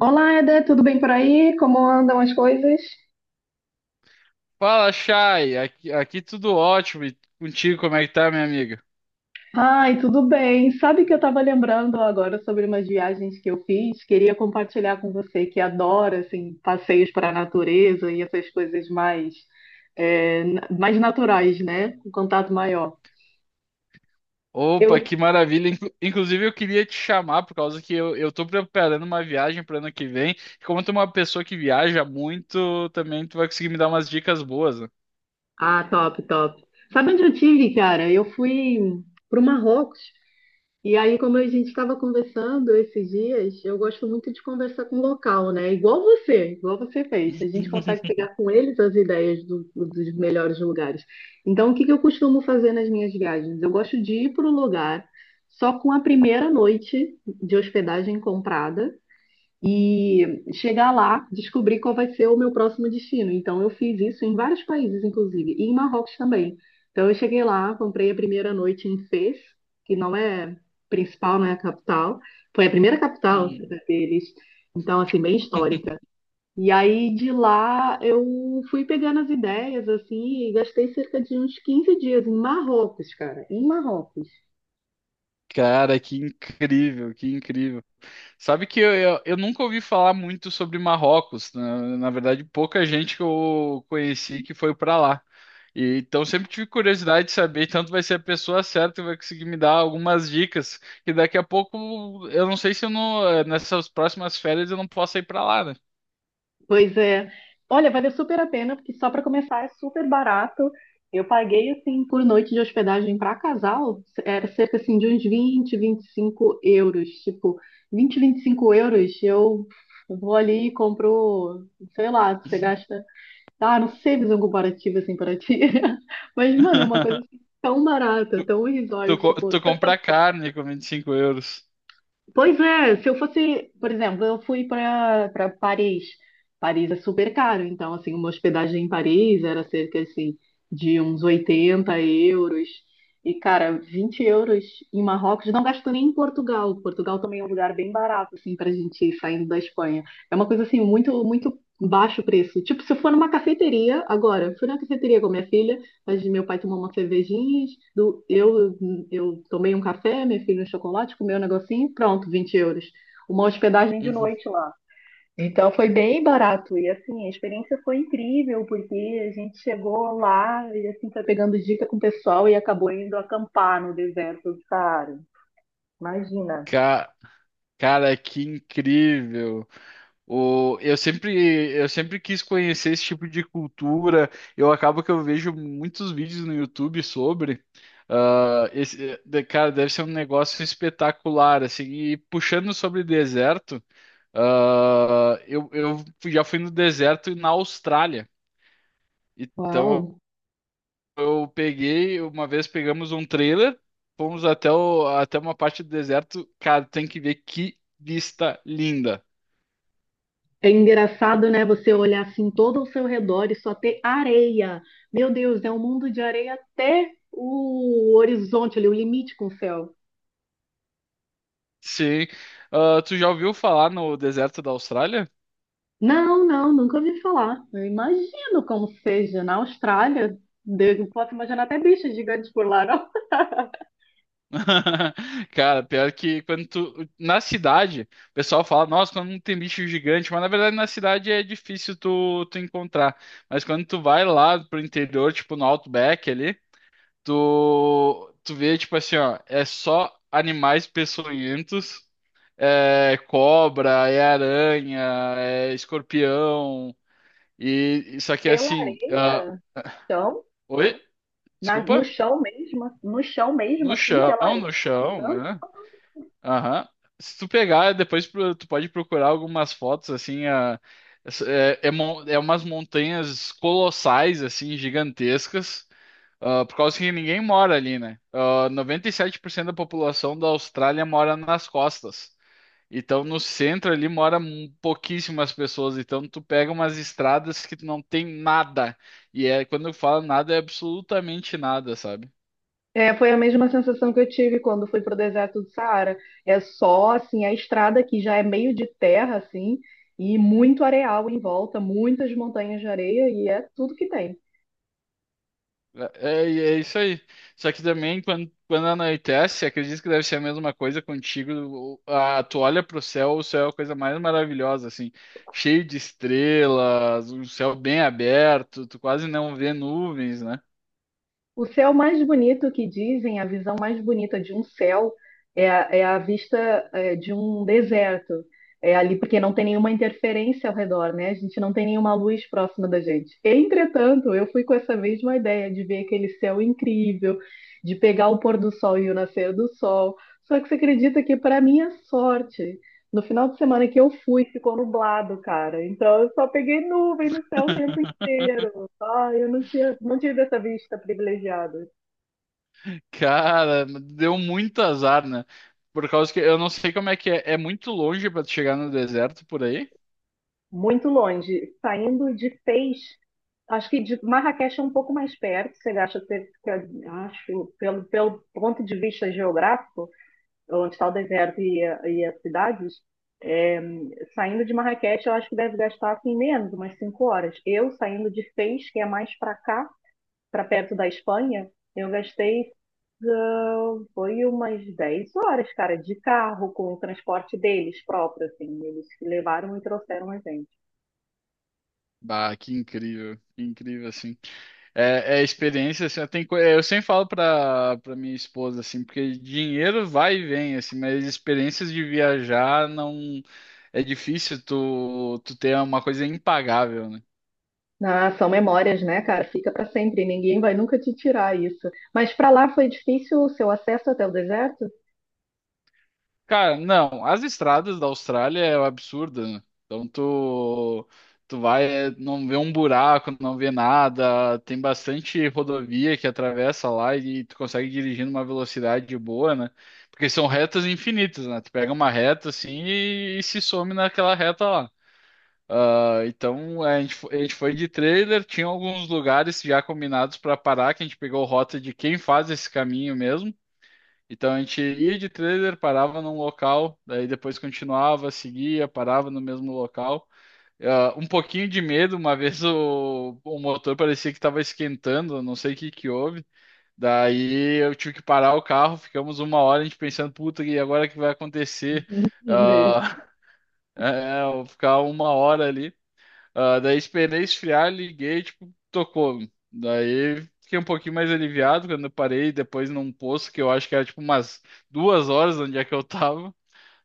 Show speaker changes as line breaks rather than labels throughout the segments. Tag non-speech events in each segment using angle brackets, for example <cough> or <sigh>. Olá, Eder, tudo bem por aí? Como andam as coisas?
Fala, Chay. Aqui tudo ótimo. E contigo, como é que tá, minha amiga?
Ai, tudo bem. Sabe que eu estava lembrando agora sobre umas viagens que eu fiz? Queria compartilhar com você que adora assim, passeios para a natureza e essas coisas mais, mais naturais, né? Com contato maior.
Opa,
Eu...
que maravilha. Inclusive, eu queria te chamar por causa que eu tô preparando uma viagem para ano que vem. E como tu é uma pessoa que viaja muito, também tu vai conseguir me dar umas dicas boas, né?
Ah, top, top. Sabe onde eu tive, cara? Eu fui para o Marrocos. E aí, como a gente estava conversando esses dias, eu gosto muito de conversar com local, né? Igual você fez. A gente consegue
<laughs>
pegar com eles as ideias dos melhores lugares. Então, o que que eu costumo fazer nas minhas viagens? Eu gosto de ir para o lugar só com a primeira noite de hospedagem comprada e chegar lá, descobrir qual vai ser o meu próximo destino. Então, eu fiz isso em vários países, inclusive, e em Marrocos também. Então, eu cheguei lá, comprei a primeira noite em Fez, que não é principal, não é a capital. Foi a primeira capital, né, deles, então, assim, bem histórica. E aí, de lá, eu fui pegando as ideias, assim, e gastei cerca de uns 15 dias em Marrocos, cara, em Marrocos.
Cara, que incrível, que incrível. Sabe que eu nunca ouvi falar muito sobre Marrocos. Na verdade, pouca gente que eu conheci que foi para lá. E, então, sempre tive curiosidade de saber. Tanto vai ser a pessoa certa que vai conseguir me dar algumas dicas. Que daqui a pouco, eu não sei se eu não, nessas próximas férias eu não posso ir para lá, né?
Pois é. Olha, valeu super a pena, porque só para começar é super barato. Eu paguei, assim, por noite de hospedagem para casal, era cerca, assim, de uns 20-25 euros. Tipo, vinte vinte e cinco euros, eu vou ali e compro, sei lá, você gasta... Ah, não sei fazer um comparativo, assim, para ti. <laughs> Mas, mano, é uma coisa,
<laughs>
assim, tão barata,
Tu,
tão
tu,
resort,
co-
tipo...
tu compra carne com 25 euros.
Pois é, se eu fosse, por exemplo, eu fui para Paris. Paris é super caro, então assim, uma hospedagem em Paris era cerca assim de uns 80 euros. E cara, 20 euros em Marrocos, não gasto nem em Portugal. Portugal também é um lugar bem barato assim pra gente ir saindo da Espanha. É uma coisa assim muito muito baixo o preço. Tipo, se eu for numa cafeteria agora, eu fui na cafeteria com minha filha, mas meu pai tomou uma cervejinha, do, eu tomei um café, meu filho um chocolate, comeu um negocinho, pronto, 20 euros. Uma hospedagem de
Uhum.
noite lá. Então foi bem barato e, assim, a experiência foi incrível, porque a gente chegou lá e assim foi pegando dica com o pessoal e acabou indo acampar no deserto do Saara. Imagina.
Ca- Cara, que incrível. O, eu sempre, eu sempre quis conhecer esse tipo de cultura. Eu acabo que eu vejo muitos vídeos no YouTube sobre. Cara, deve ser um negócio espetacular, assim. E puxando sobre deserto, já fui no deserto na Austrália. Então
Uau!
uma vez pegamos um trailer, fomos até uma parte do deserto. Cara, tem que ver que vista linda.
É engraçado, né? Você olhar assim todo ao seu redor e só ter areia. Meu Deus, é um mundo de areia até o horizonte ali, o limite com o céu.
Sim. Ah, tu já ouviu falar no deserto da Austrália?
Não, não, nunca ouvi falar. Eu imagino como seja na Austrália. Deus, eu posso imaginar até bichos gigantes por lá, não?
<laughs> Cara, pior que quando tu. Na cidade, o pessoal fala, nossa, quando não tem bicho gigante, mas na verdade na cidade é difícil tu encontrar. Mas quando tu vai lá pro interior, tipo no Outback ali, tu vê, tipo assim, ó, é só animais peçonhentos, é cobra, é aranha, é escorpião, e isso aqui é
Pela
assim.
areia, então,
Oi?
no
Desculpa?
chão mesmo, no chão mesmo,
No
assim,
chão,
pela areia.
no chão, né? Aham. Se tu pegar, depois tu pode procurar algumas fotos, assim, a, é, é, mon- é umas montanhas colossais, assim, gigantescas, por causa que ninguém mora ali, né? Ah, 97% da população da Austrália mora nas costas. Então, no centro ali mora pouquíssimas pessoas. Então, tu pega umas estradas que tu não tem nada. Quando eu falo nada, é absolutamente nada, sabe?
É, foi a mesma sensação que eu tive quando fui para o deserto do Saara. É só assim a estrada que já é meio de terra assim e muito areal em volta, muitas montanhas de areia e é tudo que tem.
É isso aí. Só que também, quando anoitece, acredito que deve ser a mesma coisa contigo. Tu olha pro céu, o céu é a coisa mais maravilhosa, assim, cheio de estrelas, um céu bem aberto, tu quase não vê nuvens, né?
O céu mais bonito, que dizem, a visão mais bonita de um céu é a, é a vista, é, de um deserto. É ali porque não tem nenhuma interferência ao redor, né? A gente não tem nenhuma luz próxima da gente. Entretanto, eu fui com essa mesma ideia de ver aquele céu incrível, de pegar o pôr do sol e o nascer do sol. Só que você acredita que, para minha sorte, no final de semana que eu fui, ficou nublado, cara. Então eu só peguei nuvem no céu o tempo
<laughs>
inteiro. Ah, eu não tinha, não tive essa vista privilegiada.
Cara, deu muito azar, né? Por causa que eu não sei como é que é muito longe pra tu chegar no deserto por aí.
Muito longe. Saindo de Fez, acho que de Marrakech é um pouco mais perto. Você acha que fica, acho, pelo, pelo ponto de vista geográfico, onde está o deserto e, e as cidades, é, saindo de Marrakech, eu acho que deve gastar assim, menos, umas 5 horas. Eu, saindo de Fez, que é mais para cá, para perto da Espanha, eu gastei. Ah, foi umas 10 horas, cara, de carro, com o transporte deles próprio, assim. Eles levaram e trouxeram a gente.
Bah, que incrível, assim. É experiência, assim, eu sempre falo pra minha esposa, assim, porque dinheiro vai e vem, assim, mas experiências de viajar não, é difícil tu ter uma coisa impagável, né?
Ah, são memórias, né, cara? Fica pra sempre. Ninguém vai nunca te tirar isso. Mas pra lá foi difícil o seu acesso até o deserto?
Cara, não, as estradas da Austrália é um absurdo, né? Então tu vai, não vê um buraco, não vê nada, tem bastante rodovia que atravessa lá e tu consegue dirigir numa velocidade boa, né? Porque são retas infinitas, né? Tu pega uma reta assim e se some naquela reta lá. Ah, então a gente foi de trailer, tinha alguns lugares já combinados para parar, que a gente pegou rota de quem faz esse caminho mesmo. Então a gente ia de trailer, parava num local, daí depois continuava, seguia, parava no mesmo local. Ah, um pouquinho de medo, uma <laughs> vez o motor parecia que estava esquentando, eu não sei o que que houve. Daí eu tive que parar o carro, ficamos uma hora a gente pensando, puta, e agora o que vai acontecer?
<laughs> Mesmo.
Ah, <laughs> eu ficar uma hora ali. Ah, daí esperei esfriar, liguei, tipo, tocou. Daí fiquei um pouquinho mais aliviado quando eu parei depois num posto que eu acho que era tipo umas 2 horas onde é que eu tava.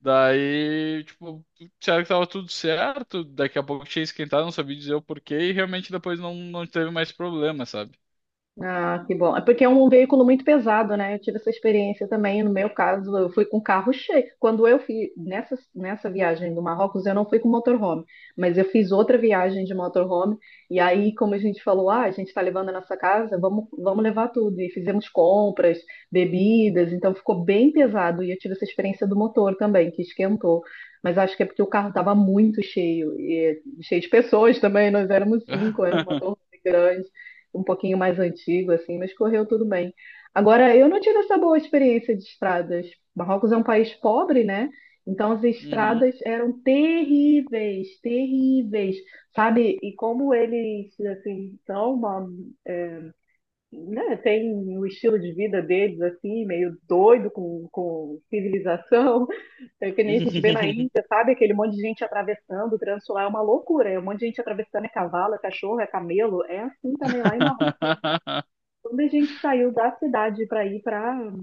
Daí, tipo, disseram que tava tudo certo, daqui a pouco tinha esquentado, não sabia dizer o porquê, e realmente depois não teve mais problema, sabe?
Ah, que bom. É porque é um veículo muito pesado, né? Eu tive essa experiência também. No meu caso, eu fui com carro cheio. Quando eu fiz nessa, nessa viagem do Marrocos, eu não fui com motorhome, mas eu fiz outra viagem de motorhome. E aí, como a gente falou, ah, a gente está levando a nossa casa, vamos levar tudo. E fizemos compras, bebidas, então ficou bem pesado. E eu tive essa experiência do motor também, que esquentou. Mas acho que é porque o carro estava muito cheio, e cheio de pessoas também. Nós éramos cinco, era um
<laughs>
motor grande, um pouquinho mais antigo, assim, mas correu tudo bem. Agora, eu não tive essa boa experiência de estradas. Marrocos é um país pobre, né? Então as
Uhum.
estradas eram terríveis, terríveis, sabe? E como eles assim são uma, né, tem o estilo de vida deles assim, meio doido com, civilização, <laughs> é que nem a gente vê na Índia, sabe? Aquele monte de gente atravessando, o trânsito lá é uma loucura, é um monte de gente atravessando, é cavalo, é cachorro, é camelo, é assim também lá em Marrocos.
<laughs>
Quando a gente saiu da cidade para ir para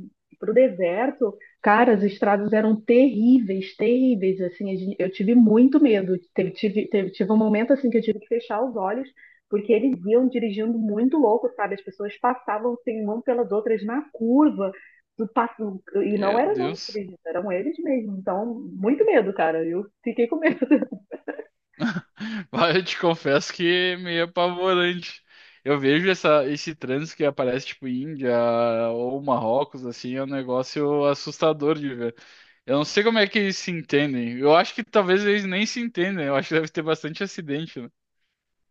o deserto, cara, as estradas eram terríveis, terríveis, assim, eu tive muito medo, tive um momento, assim, que eu tive que fechar os olhos, porque eles iam dirigindo muito louco, sabe, as pessoas passavam, assim, uma pelas outras na curva, do passo, e não
Meu
era nós que
Deus.
dirigindo, eram eles mesmo, então, muito medo, cara, eu fiquei com medo.
<laughs> Olha, eu te confesso que é meio apavorante. Eu vejo esse trânsito que aparece, tipo, Índia ou Marrocos, assim, é um negócio assustador de ver. Eu não sei como é que eles se entendem. Eu acho que talvez eles nem se entendem. Eu acho que deve ter bastante acidente, né?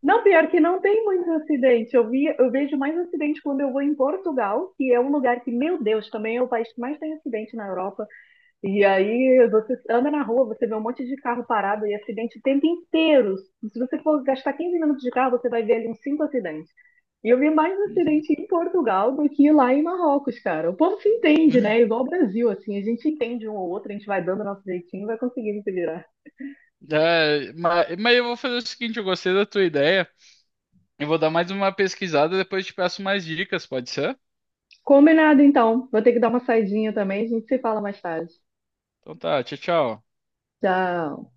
Não, pior que não tem muito acidente. Eu vi, eu vejo mais acidente quando eu vou em Portugal, que é um lugar que, meu Deus, também é o país que mais tem acidente na Europa. E aí você anda na rua, você vê um monte de carro parado e acidente o tempo inteiro. Se você for gastar 15 minutos de carro, você vai ver ali uns cinco acidentes. E eu vi mais acidente
<laughs>
em Portugal do que lá em Marrocos, cara. O povo se entende,
Uhum.
né? Igual o Brasil, assim, a gente entende um ou outro, a gente vai dando nosso jeitinho e vai conseguindo se virar.
É, mas eu vou fazer o seguinte, eu gostei da tua ideia. Eu vou dar mais uma pesquisada, depois te peço mais dicas, pode ser?
Combinado, então. Vou ter que dar uma saidinha também, a gente se fala mais tarde.
Então tá, tchau, tchau.
Tchau.